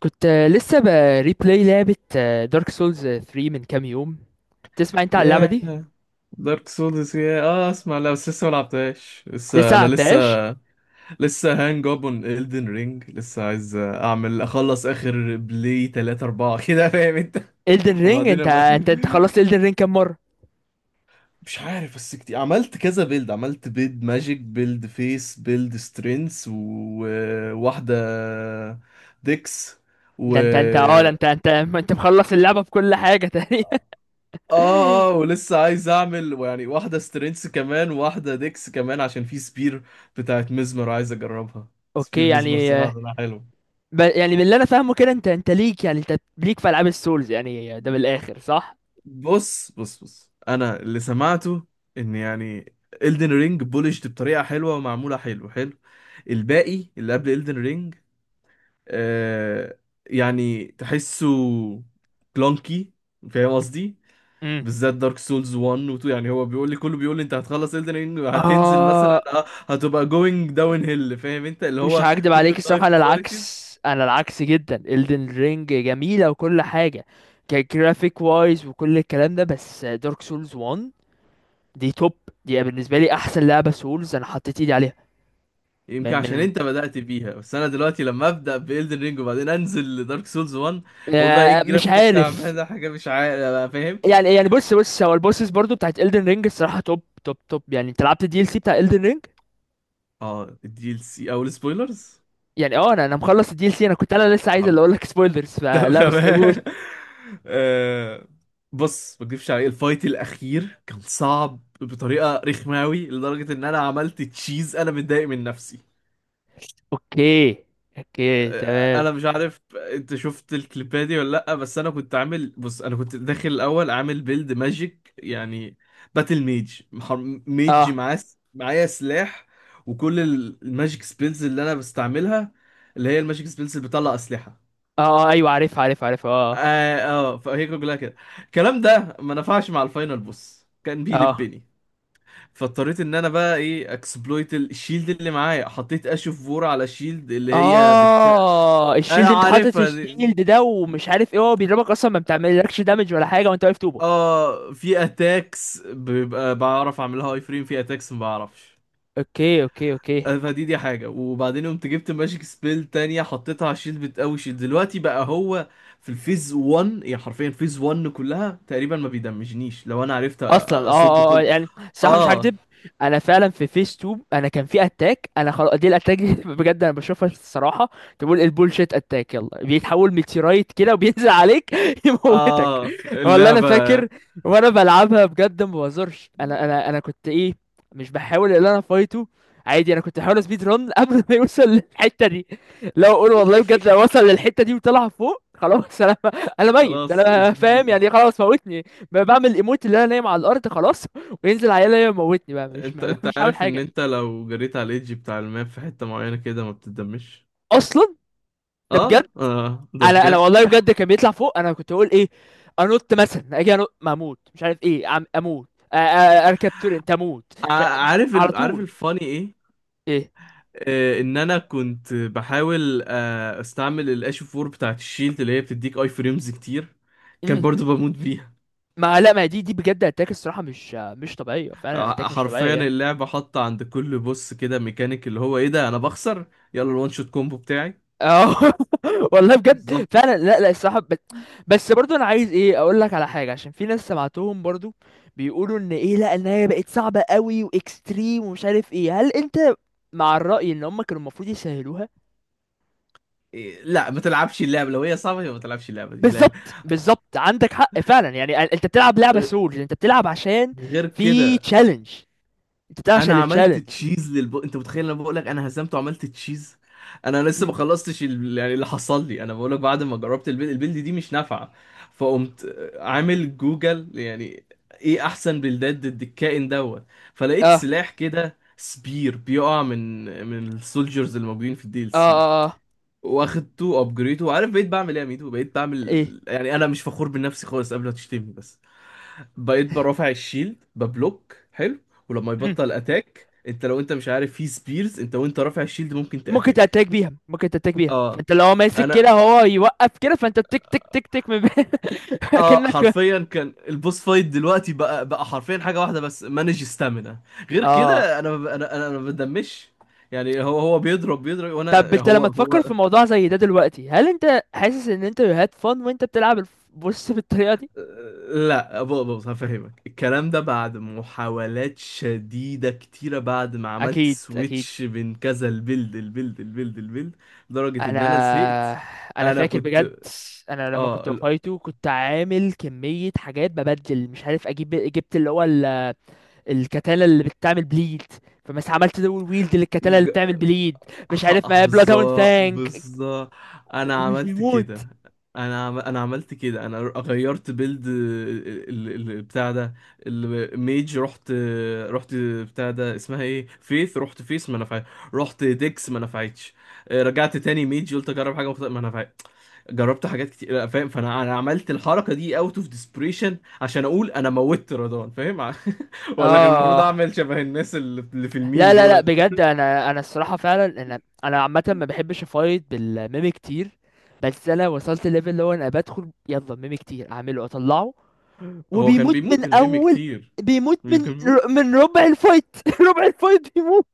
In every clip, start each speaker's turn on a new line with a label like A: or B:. A: كنت لسه بريبلاي لعبة دارك سولز 3 من كام يوم. تسمع انت عن اللعبة دي؟
B: ياه. دارك سولز، يا اسمع، لا بس لسه ما لعبتهاش لسه،
A: لسه
B: انا لسه
A: عتاش
B: لسه هانج اب اون Elden رينج. لسه عايز اعمل اخلص اخر بلاي 3 4 كده، فاهم انت؟
A: Elden رينج.
B: وبعدين
A: انت
B: ابقى
A: انت انت خلصت Elden رينج كام مرة؟
B: مش عارف، بس كتير. عملت كذا بيلد، عملت بيلد ماجيك، بيلد فيس، بيلد سترينث، وواحدة ديكس و...
A: ده انت اه ده انت مخلص اللعبة بكل حاجة تقريبا.
B: اه اه، ولسه عايز اعمل يعني واحدة سترينس كمان، واحدة ديكس كمان، عشان في سبير بتاعت مزمر عايز اجربها. سبير
A: اوكي،
B: مزمر،
A: يعني
B: سمعت انها حلو.
A: يعني من اللي انا فاهمه كده انت ليك، يعني انت ليك في العاب السولز، يعني ده من الاخر صح.
B: بص، انا اللي سمعته ان يعني Elden رينج بولشت بطريقة حلوة ومعمولة حلو حلو. الباقي اللي قبل Elden رينج، آه، يعني تحسه كلونكي، فاهم قصدي؟
A: امم،
B: بالذات دارك سولز 1 و 2. يعني هو بيقول لي، كله بيقول لي انت هتخلص Elden Ring هتنزل مثلا
A: اه
B: هتبقى going down hill، فاهم انت؟ اللي
A: مش
B: هو
A: هكدب
B: كل
A: عليك الصراحة،
B: اللايف
A: أنا
B: كواليتيز.
A: العكس، أنا العكس جدا. Elden Ring جميلة وكل حاجة كجرافيك وايز وكل الكلام ده، بس دارك سولز 1 دي توب. دي بالنسبة لي أحسن لعبة سولز أنا حطيت إيدي عليها.
B: يمكن
A: من
B: عشان
A: من
B: انت بدأت بيها، بس انا دلوقتي لما ابدأ ب Elden Ring وبعدين انزل لدارك سولز 1 هقول بقى ايه
A: مش
B: الجرافيك
A: عارف.
B: التعبان ده، حاجة مش عارف بقى، فاهم؟
A: يعني بص، هو البوسس برضو بتاعت Elden Ring الصراحة توب توب توب. يعني أنت لعبت الدي ال سي بتاع Elden Ring؟
B: اه، الدي ال سي او السبويلرز؟
A: يعني اه، انا مخلص الدي ال سي. انا كنت، انا لسه عايز اللي اقول لك سبويلرز
B: طب
A: فلا، بس قول.
B: تمام. آه، بص ما اكدبش عليك، الفايت الاخير كان صعب بطريقه رخمه قوي، لدرجه ان انا عملت تشيز. انا متضايق من نفسي.
A: اوكي، اوكي
B: آه،
A: تمام.
B: انا مش عارف انت شفت الكليبات دي ولا لا، بس انا كنت عامل، بص انا كنت داخل الاول عامل بيلد ماجيك يعني، باتل ميج، ميج
A: اه،
B: معاه معايا سلاح، وكل الماجيك سبيلز اللي انا بستعملها، اللي هي الماجيك سبيلز اللي بتطلع اسلحه.
A: اه ايوه، عارف عارف اه
B: فهي كلها كده، الكلام ده ما نفعش مع الفاينل بوس، كان
A: اه،
B: بيلبني. فاضطريت ان انا بقى ايه، اكسبلويت الشيلد اللي معايا، حطيت اشوف فور على شيلد اللي هي بتك...
A: اه
B: آه
A: الشيلد، انت حاطط
B: عارفها دي.
A: الشيلد ده ومش عارف ايه، هو بيضربك اصلا، ما بتعملكش دامج ولا حاجه وانت واقف طوبه.
B: اه في اتاكس بيبقى بعرف اعملها هاي فريم، في اتاكس ما بعرفش.
A: اوكي اوكي.
B: فدي حاجة. وبعدين قمت جبت ماجيك سبيل تانية، حطيتها على الشيلد بتقوي شيلد. دلوقتي بقى هو في الفيز 1 يعني، حرفيا فيز 1 كلها تقريبا ما بيدمجنيش لو انا عرفت
A: اصلا اه.
B: اصد
A: اه
B: كل.
A: يعني الصراحه مش
B: اه
A: هكدب، انا فعلا في فيس 2 انا كان في اتاك. انا خلاص دي الاتاك دي بجد انا بشوفها الصراحه، تقول البولشيت اتاك، يلا بيتحول ميتيرايت كده وبينزل عليك يموتك.
B: اه
A: والله انا
B: اللعبة.
A: فاكر، وانا بلعبها بجد ما بهزرش، انا كنت ايه، مش بحاول ان انا فايته عادي. انا كنت بحاول سبيد رun قبل ما يوصل للحته دي. لو اقول والله بجد، لو وصل للحته دي وطلع فوق، خلاص انا، انا ميت،
B: خلاص
A: انا
B: جي جي.
A: فاهم يعني. خلاص موتني، بقى بعمل ايموت، اللي انا نايم على الارض خلاص، وينزل عيال يموتني بقى، مش
B: انت انت
A: مش عامل
B: عارف ان
A: حاجه
B: انت لو جريت على الايدج بتاع الماب في حتة معينة كده ما بتتدمش؟
A: اصلا. ده بجد.
B: اه ده
A: انا
B: بجد.
A: والله بجد كان بيطلع فوق. انا كنت اقول ايه، انط مثلا، اجي انط ما اموت، مش عارف ايه عم اموت. أ- أ- اركب تورنت، اموت
B: ع-
A: مش عارف.
B: عارف
A: على
B: ال...، عارف
A: طول.
B: الفاني ايه؟
A: ايه؟
B: آه، ان انا كنت بحاول آه استعمل الاش 4 بتاعت الشيلد اللي هي بتديك اي فريمز كتير، كان
A: مم.
B: برضو بموت بيها.
A: ما لا، ما دي بجد اتاك الصراحه مش مش طبيعيه. فعلا اتاك مش
B: حرفيا
A: طبيعيه يعني.
B: اللعبة حاطة عند كل بوس كده ميكانيك اللي هو ايه ده، انا بخسر يلا الوان شوت كومبو بتاعي.
A: اه والله بجد فعلا، لا لا الصراحه بس, بس برضو انا عايز ايه، اقول لك على حاجه، عشان في ناس سمعتهم برضو بيقولوا ان ايه، لا ان هي بقت صعبه قوي واكستريم ومش عارف ايه. هل انت مع الراي ان هم كانوا المفروض يسهلوها؟
B: لا ما تلعبش اللعبه لو هي صعبه، يبقى ما تلعبش اللعبه دي من الآخر.
A: بالظبط، بالظبط عندك حق فعلا. يعني انت بتلعب لعبه
B: آه،
A: سولز، انت بتلعب عشان
B: غير
A: في
B: كده.
A: تشالنج، انت بتلعب
B: انا
A: عشان
B: عملت
A: التشالنج.
B: تشيز للب، انت متخيل انا بقول لك انا هزمت وعملت تشيز؟ انا لسه ما
A: اه،
B: خلصتش ال...، يعني اللي حصل لي، انا بقول لك، بعد ما جربت البيلد، البيلد دي مش نافعه، فقمت عامل جوجل يعني ايه احسن بلدات ضد الكائن دوت، فلقيت
A: اه،
B: سلاح كده سبير بيقع من السولجرز اللي موجودين في الدي ال
A: اه
B: سي. واخدته، ابجريته، وعارف بقيت بعمل ايه يا ميدو؟ بقيت
A: ايه؟
B: بعمل يعني، انا مش فخور بنفسي خالص قبل ما تشتمني، بس بقيت برافع الشيلد ببلوك حلو، ولما يبطل اتاك، انت لو انت مش عارف، في سبيرز انت وانت رافع الشيلد ممكن
A: ممكن
B: تاتاك.
A: تتاك بيها، ممكن تتاك بيها.
B: اه.
A: فانت لو هو ماسك كده،
B: انا
A: هو يوقف كده، فانت تك تك تك تك من
B: اه
A: كأنك.
B: حرفيا كان البوس فايت دلوقتي بقى، حرفيا حاجه واحده بس، مانج ستامina. غير
A: اه،
B: كده انا أنا ما بدمش. يعني هو بيضرب بيضرب،
A: طب
B: وانا
A: انت
B: هو
A: لما تفكر في
B: هو
A: موضوع زي ده دلوقتي، هل انت حاسس ان انت هاد فن وانت بتلعب بص بالطريقة دي؟
B: لا بص، هفهمك الكلام ده، بعد محاولات شديدة كتيرة، بعد ما عملت
A: اكيد، اكيد.
B: سويتش بين كذا البيلد البيلد، لدرجة ان
A: انا،
B: انا زهقت.
A: انا
B: انا
A: فاكر
B: كنت
A: بجد. انا لما كنت
B: اه،
A: بفايته كنت عامل كمية حاجات ببدل، مش عارف اجيب، جبت اللي هو ال... الكتانة اللي بتعمل بليد. فمس عملت دول ويلد للكتانة اللي بتعمل بليد، مش عارف ما بلاد هاوند،
B: بالظبط بالظبط. انا
A: مش
B: عملت
A: بيموت.
B: كده، انا عملت كده. انا غيرت بيلد بتاع ده، الميج. رحت، رحت بتاع ده اسمها ايه، فيث، رحت فيث ما نفعت. رحت ديكس ما نفعتش. رجعت تاني ميج، قلت اجرب حاجه مختلفه ما نفعت. جربت حاجات كتير، لا، فاهم؟ فانا انا عملت الحركه دي اوت اوف ديسبريشن، عشان اقول انا موتت رضوان، فاهم؟ ولا كان المفروض
A: اه،
B: اعمل شبه الناس اللي في
A: لا
B: الميم
A: لا لا
B: دولت.
A: بجد، انا الصراحه فعلا، انا عامه ما بحبش افايت بالميمي كتير. بس انا وصلت ليفل اللي هو انا بدخل يلا ميمي كتير اعمله اطلعه
B: هو كان
A: وبيموت من
B: بيموت الميمي
A: اول.
B: كتير،
A: بيموت
B: كان
A: من،
B: بيموت،
A: من ربع الفايت ربع الفايت بيموت.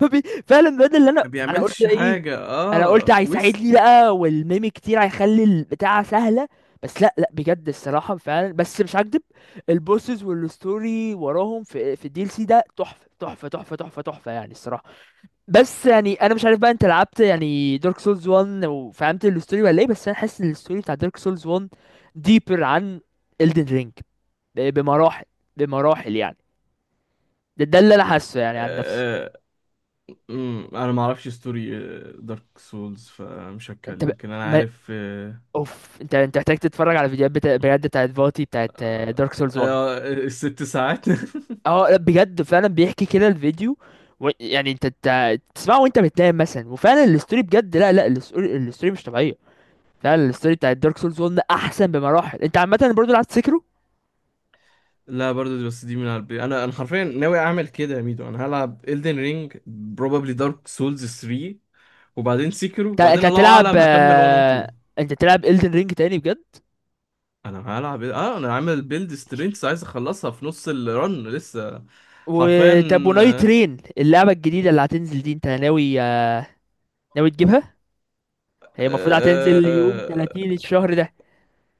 A: فبي... فعلا بجد اللي انا،
B: ما
A: قلت
B: بيعملش
A: ايه،
B: حاجة،
A: انا قلت
B: اه ويست.
A: هيساعدني بقى والميم كتير هيخلي البتاع سهله. بس لا لا بجد الصراحه فعلا، بس مش هكدب، البوسز والستوري وراهم في في الدي ال سي ده تحفه تحفه تحفه تحفه تحفه يعني الصراحه. بس يعني انا مش عارف بقى، انت لعبت يعني دارك سولز 1 وفهمت الستوري ولا ايه؟ بس انا حاسس ان الستوري بتاع دارك سولز 1 ديبر عن Elden Ring بمراحل، بمراحل يعني. ده اللي انا حاسه يعني عن نفسي.
B: آه. انا ما اعرفش ستوري دارك سولز فمش
A: انت
B: هتكلم، لكن انا
A: ما...
B: عارف آه.
A: اوف، انت محتاج تتفرج
B: آه.
A: على فيديوهات بجد بتاعت فاتي بتاعت دارك سولز 1.
B: الست ساعات
A: اه لا، بجد فعلا بيحكي كده الفيديو و... يعني انت تسمعه وانت بتنام مثلا، وفعلا الستوري بجد، لا لا الستوري مش طبيعيه. فعلا الستوري بتاعت دارك سولز 1 احسن بمراحل. انت عامه برضه لعبت سكرو.
B: لا برضو بس دي من قلبي، انا انا حرفيا ناوي اعمل كده يا ميدو. انا هلعب Elden Ring probably Dark Souls 3 وبعدين سيكرو،
A: انت
B: وبعدين الله
A: هتلعب
B: اعلم هكمل 1 و 2.
A: انت تلعب الدن رينج تاني بجد؟
B: انا هلعب ايه؟ اه انا عامل بيلد سترينث، عايز اخلصها في نص الرن لسه. حرفيا.
A: وطب ونايت
B: آه،
A: ترين اللعبه الجديده اللي هتنزل دي، انت ناوي ناوي تجيبها؟ هي المفروض هتنزل يوم
B: آه،
A: 30 الشهر ده.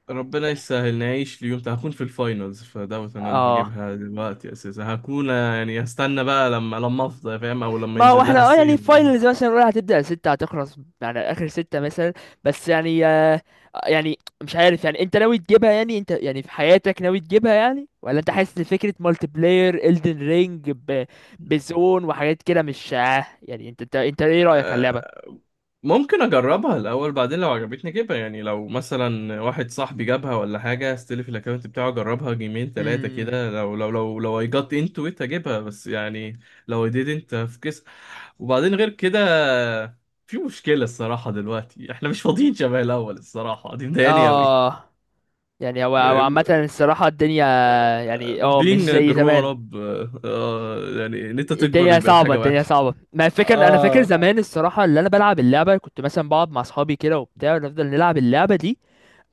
B: ربنا يسهل نعيش ليوم هكون في الفاينلز، فدعوة ان انا
A: اه،
B: هجيبها دلوقتي اساسا. هكون يعني هستنى بقى لما افضى، فاهم؟ او لما
A: ما هو
B: ينزل لها
A: احنا اه يعني
B: السيل.
A: فاينلز مثلا الاولى هتبدأ ستة هتخلص، يعني اخر ستة مثلا. بس يعني يعني مش عارف يعني، انت ناوي تجيبها؟ يعني انت يعني في حياتك ناوي تجيبها، يعني ولا انت حاسس ان فكرة مالتي بلاير الدن رينج بزون وحاجات كده مش يعني انت ايه رأيك على اللعبة؟
B: ممكن اجربها الاول، بعدين لو عجبتني اجيبها. يعني لو مثلا واحد صاحبي جابها ولا حاجه، استلف الاكونت بتاعه اجربها جيمين ثلاثه
A: امم،
B: كده، لو I got into it اجيبها، بس يعني لو I didn't هفكس. وبعدين غير كده، في مشكله الصراحه دلوقتي احنا مش فاضيين شبه الاول الصراحه، دي مضايقاني قوي.
A: اه يعني هو عامة الصراحة الدنيا، يعني اه مش
B: being a
A: زي
B: grown
A: زمان.
B: up. آه، يعني ان انت تكبر
A: الدنيا
B: دي بقت
A: صعبة،
B: حاجه
A: الدنيا
B: وحشه.
A: صعبة. ما الفكرة انا فاكر
B: اه
A: زمان الصراحة، اللي انا بلعب اللعبة كنت مثلا بقعد مع اصحابي كده وبتاع ونفضل نلعب اللعبة دي.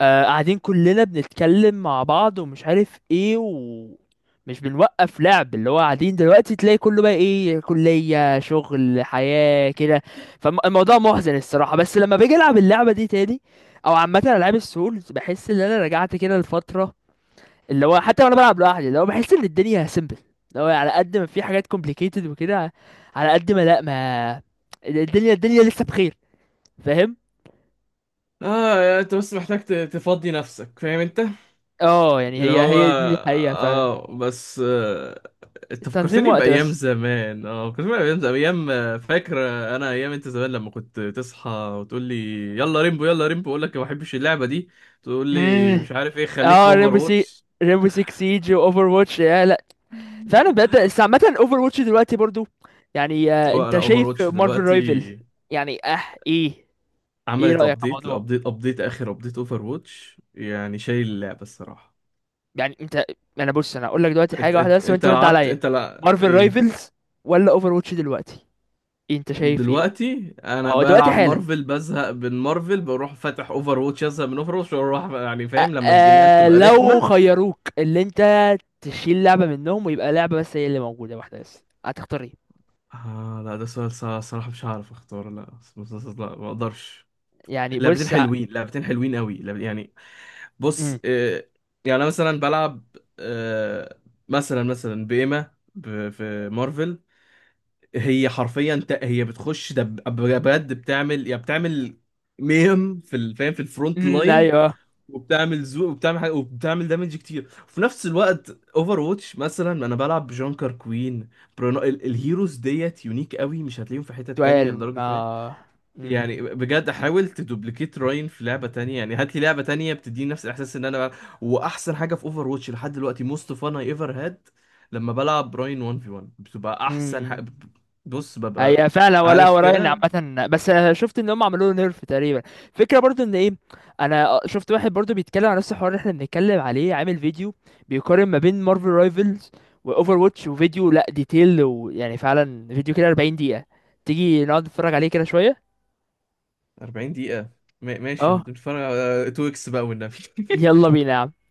A: آه قاعدين كلنا بنتكلم مع بعض ومش عارف ايه ومش بنوقف لعب. اللي هو قاعدين دلوقتي تلاقي كله بقى ايه، كلية شغل حياة كده. فالموضوع محزن الصراحة. بس لما باجي العب اللعبة دي تاني، او عامة العاب السولز، بحس ان انا رجعت كده لفترة، اللي هو حتى وانا بلعب لوحدي، اللي هو بحس ان الدنيا سيمبل. اللي هو على قد ما في حاجات complicated وكده، على قد ما لا، ما الدنيا، الدنيا لسه بخير. فاهم؟
B: اه انت بس محتاج تفضي نفسك، فاهم انت؟
A: اه يعني
B: اللي
A: هي
B: هو
A: دي الحقيقة فعلا.
B: اه، بس آه، انت
A: تنظيم
B: فكرتني
A: وقت
B: بايام
A: بس.
B: زمان. اه فكرتني بايام زمان، ايام فاكر انا ايام انت زمان لما كنت تصحى وتقول لي يلا ريمبو، يلا ريمبو، اقول لك ما بحبش اللعبه دي، تقول لي
A: مم.
B: مش عارف ايه، خليك في
A: اه،
B: اوفر
A: ريمبو سي،
B: واتش.
A: ريمبو 6 سيج واوفر واتش يا لا. فعلا
B: لا.
A: بجد. بس عامة اوفر واتش دلوقتي برضو، يعني آه، انت
B: لا اوفر
A: شايف
B: واتش
A: مارفل
B: دلوقتي
A: رايفل؟ يعني اه. ايه؟ ايه
B: عملت
A: رأيك على
B: ابديت،
A: الموضوع؟
B: الابديت ابديت اخر ابديت اوفر واتش يعني شايل اللعبه الصراحه.
A: يعني انت، انا بص انا هقول لك دلوقتي
B: انت
A: حاجه واحده
B: انت
A: بس
B: انت
A: وانت رد
B: لعبت،
A: عليا.
B: انت لا
A: مارفل
B: ايه؟
A: رايفلز ولا اوفر واتش دلوقتي؟ انت شايف ايه؟
B: دلوقتي انا
A: اه دلوقتي
B: بلعب
A: حالا،
B: مارفل، بزهق من مارفل، بروح فاتح اوفر واتش، ازهق من اوفر واتش واروح، يعني فاهم لما الجيمات
A: آه
B: تبقى
A: لو
B: رخمه.
A: خيروك اللي انت تشيل لعبه منهم ويبقى لعبه بس هي اللي موجوده، واحده بس، هتختار ايه؟
B: آه لا ده سؤال صراحه مش هعرف اختار. لا لا ما اقدرش.
A: يعني
B: لعبتين
A: بص،
B: حلوين، لعبتين حلوين قوي، يعني. بص
A: مم.
B: آه، يعني انا مثلا بلعب آه، مثلا بإيما في مارفل، هي حرفيا هي بتخش بجد بتعمل يا بتعمل ميم في فاهم، في الفرونت
A: مم،
B: لاين.
A: ايوه.
B: وبتعمل زو، وبتعمل حاجة، وبتعمل دامج كتير، وفي نفس الوقت اوفر واتش مثلا انا بلعب بجانكر كوين، برونو، الهيروز ديت يونيك قوي مش هتلاقيهم في حتة تانية
A: سؤال
B: لدرجة، فاهم؟
A: ما.
B: يعني
A: مم.
B: بجد حاول تدوبليكيت راين في لعبة تانية، يعني هات لي لعبة تانية بتديني نفس الاحساس ان انا بلعب. واحسن حاجة في اوفر واتش لحد دلوقتي، موست فان اي ايفر هاد، لما بلعب راين 1 في 1 بتبقى احسن
A: مم.
B: حاجة. بص ببقى،
A: هي فعلا. ولا
B: عارف
A: اوراين
B: كده.
A: عامه، بس أنا شفت ان هم عملوا له نيرف تقريبا. فكره برضو ان ايه، انا شفت واحد برضو بيتكلم عن نفس الحوار اللي احنا بنتكلم عليه، عامل فيديو بيقارن ما بين مارفل رايفلز واوفر واتش، وفيديو لا ديتيل ويعني فعلا، فيديو كده 40 دقيقه. تيجي نقعد نتفرج عليه كده شويه؟
B: 40 دقيقة؟ ماشي،
A: اه
B: بتتفرج على 2 اكس بقى والنبي.
A: يلا بينا يا عم.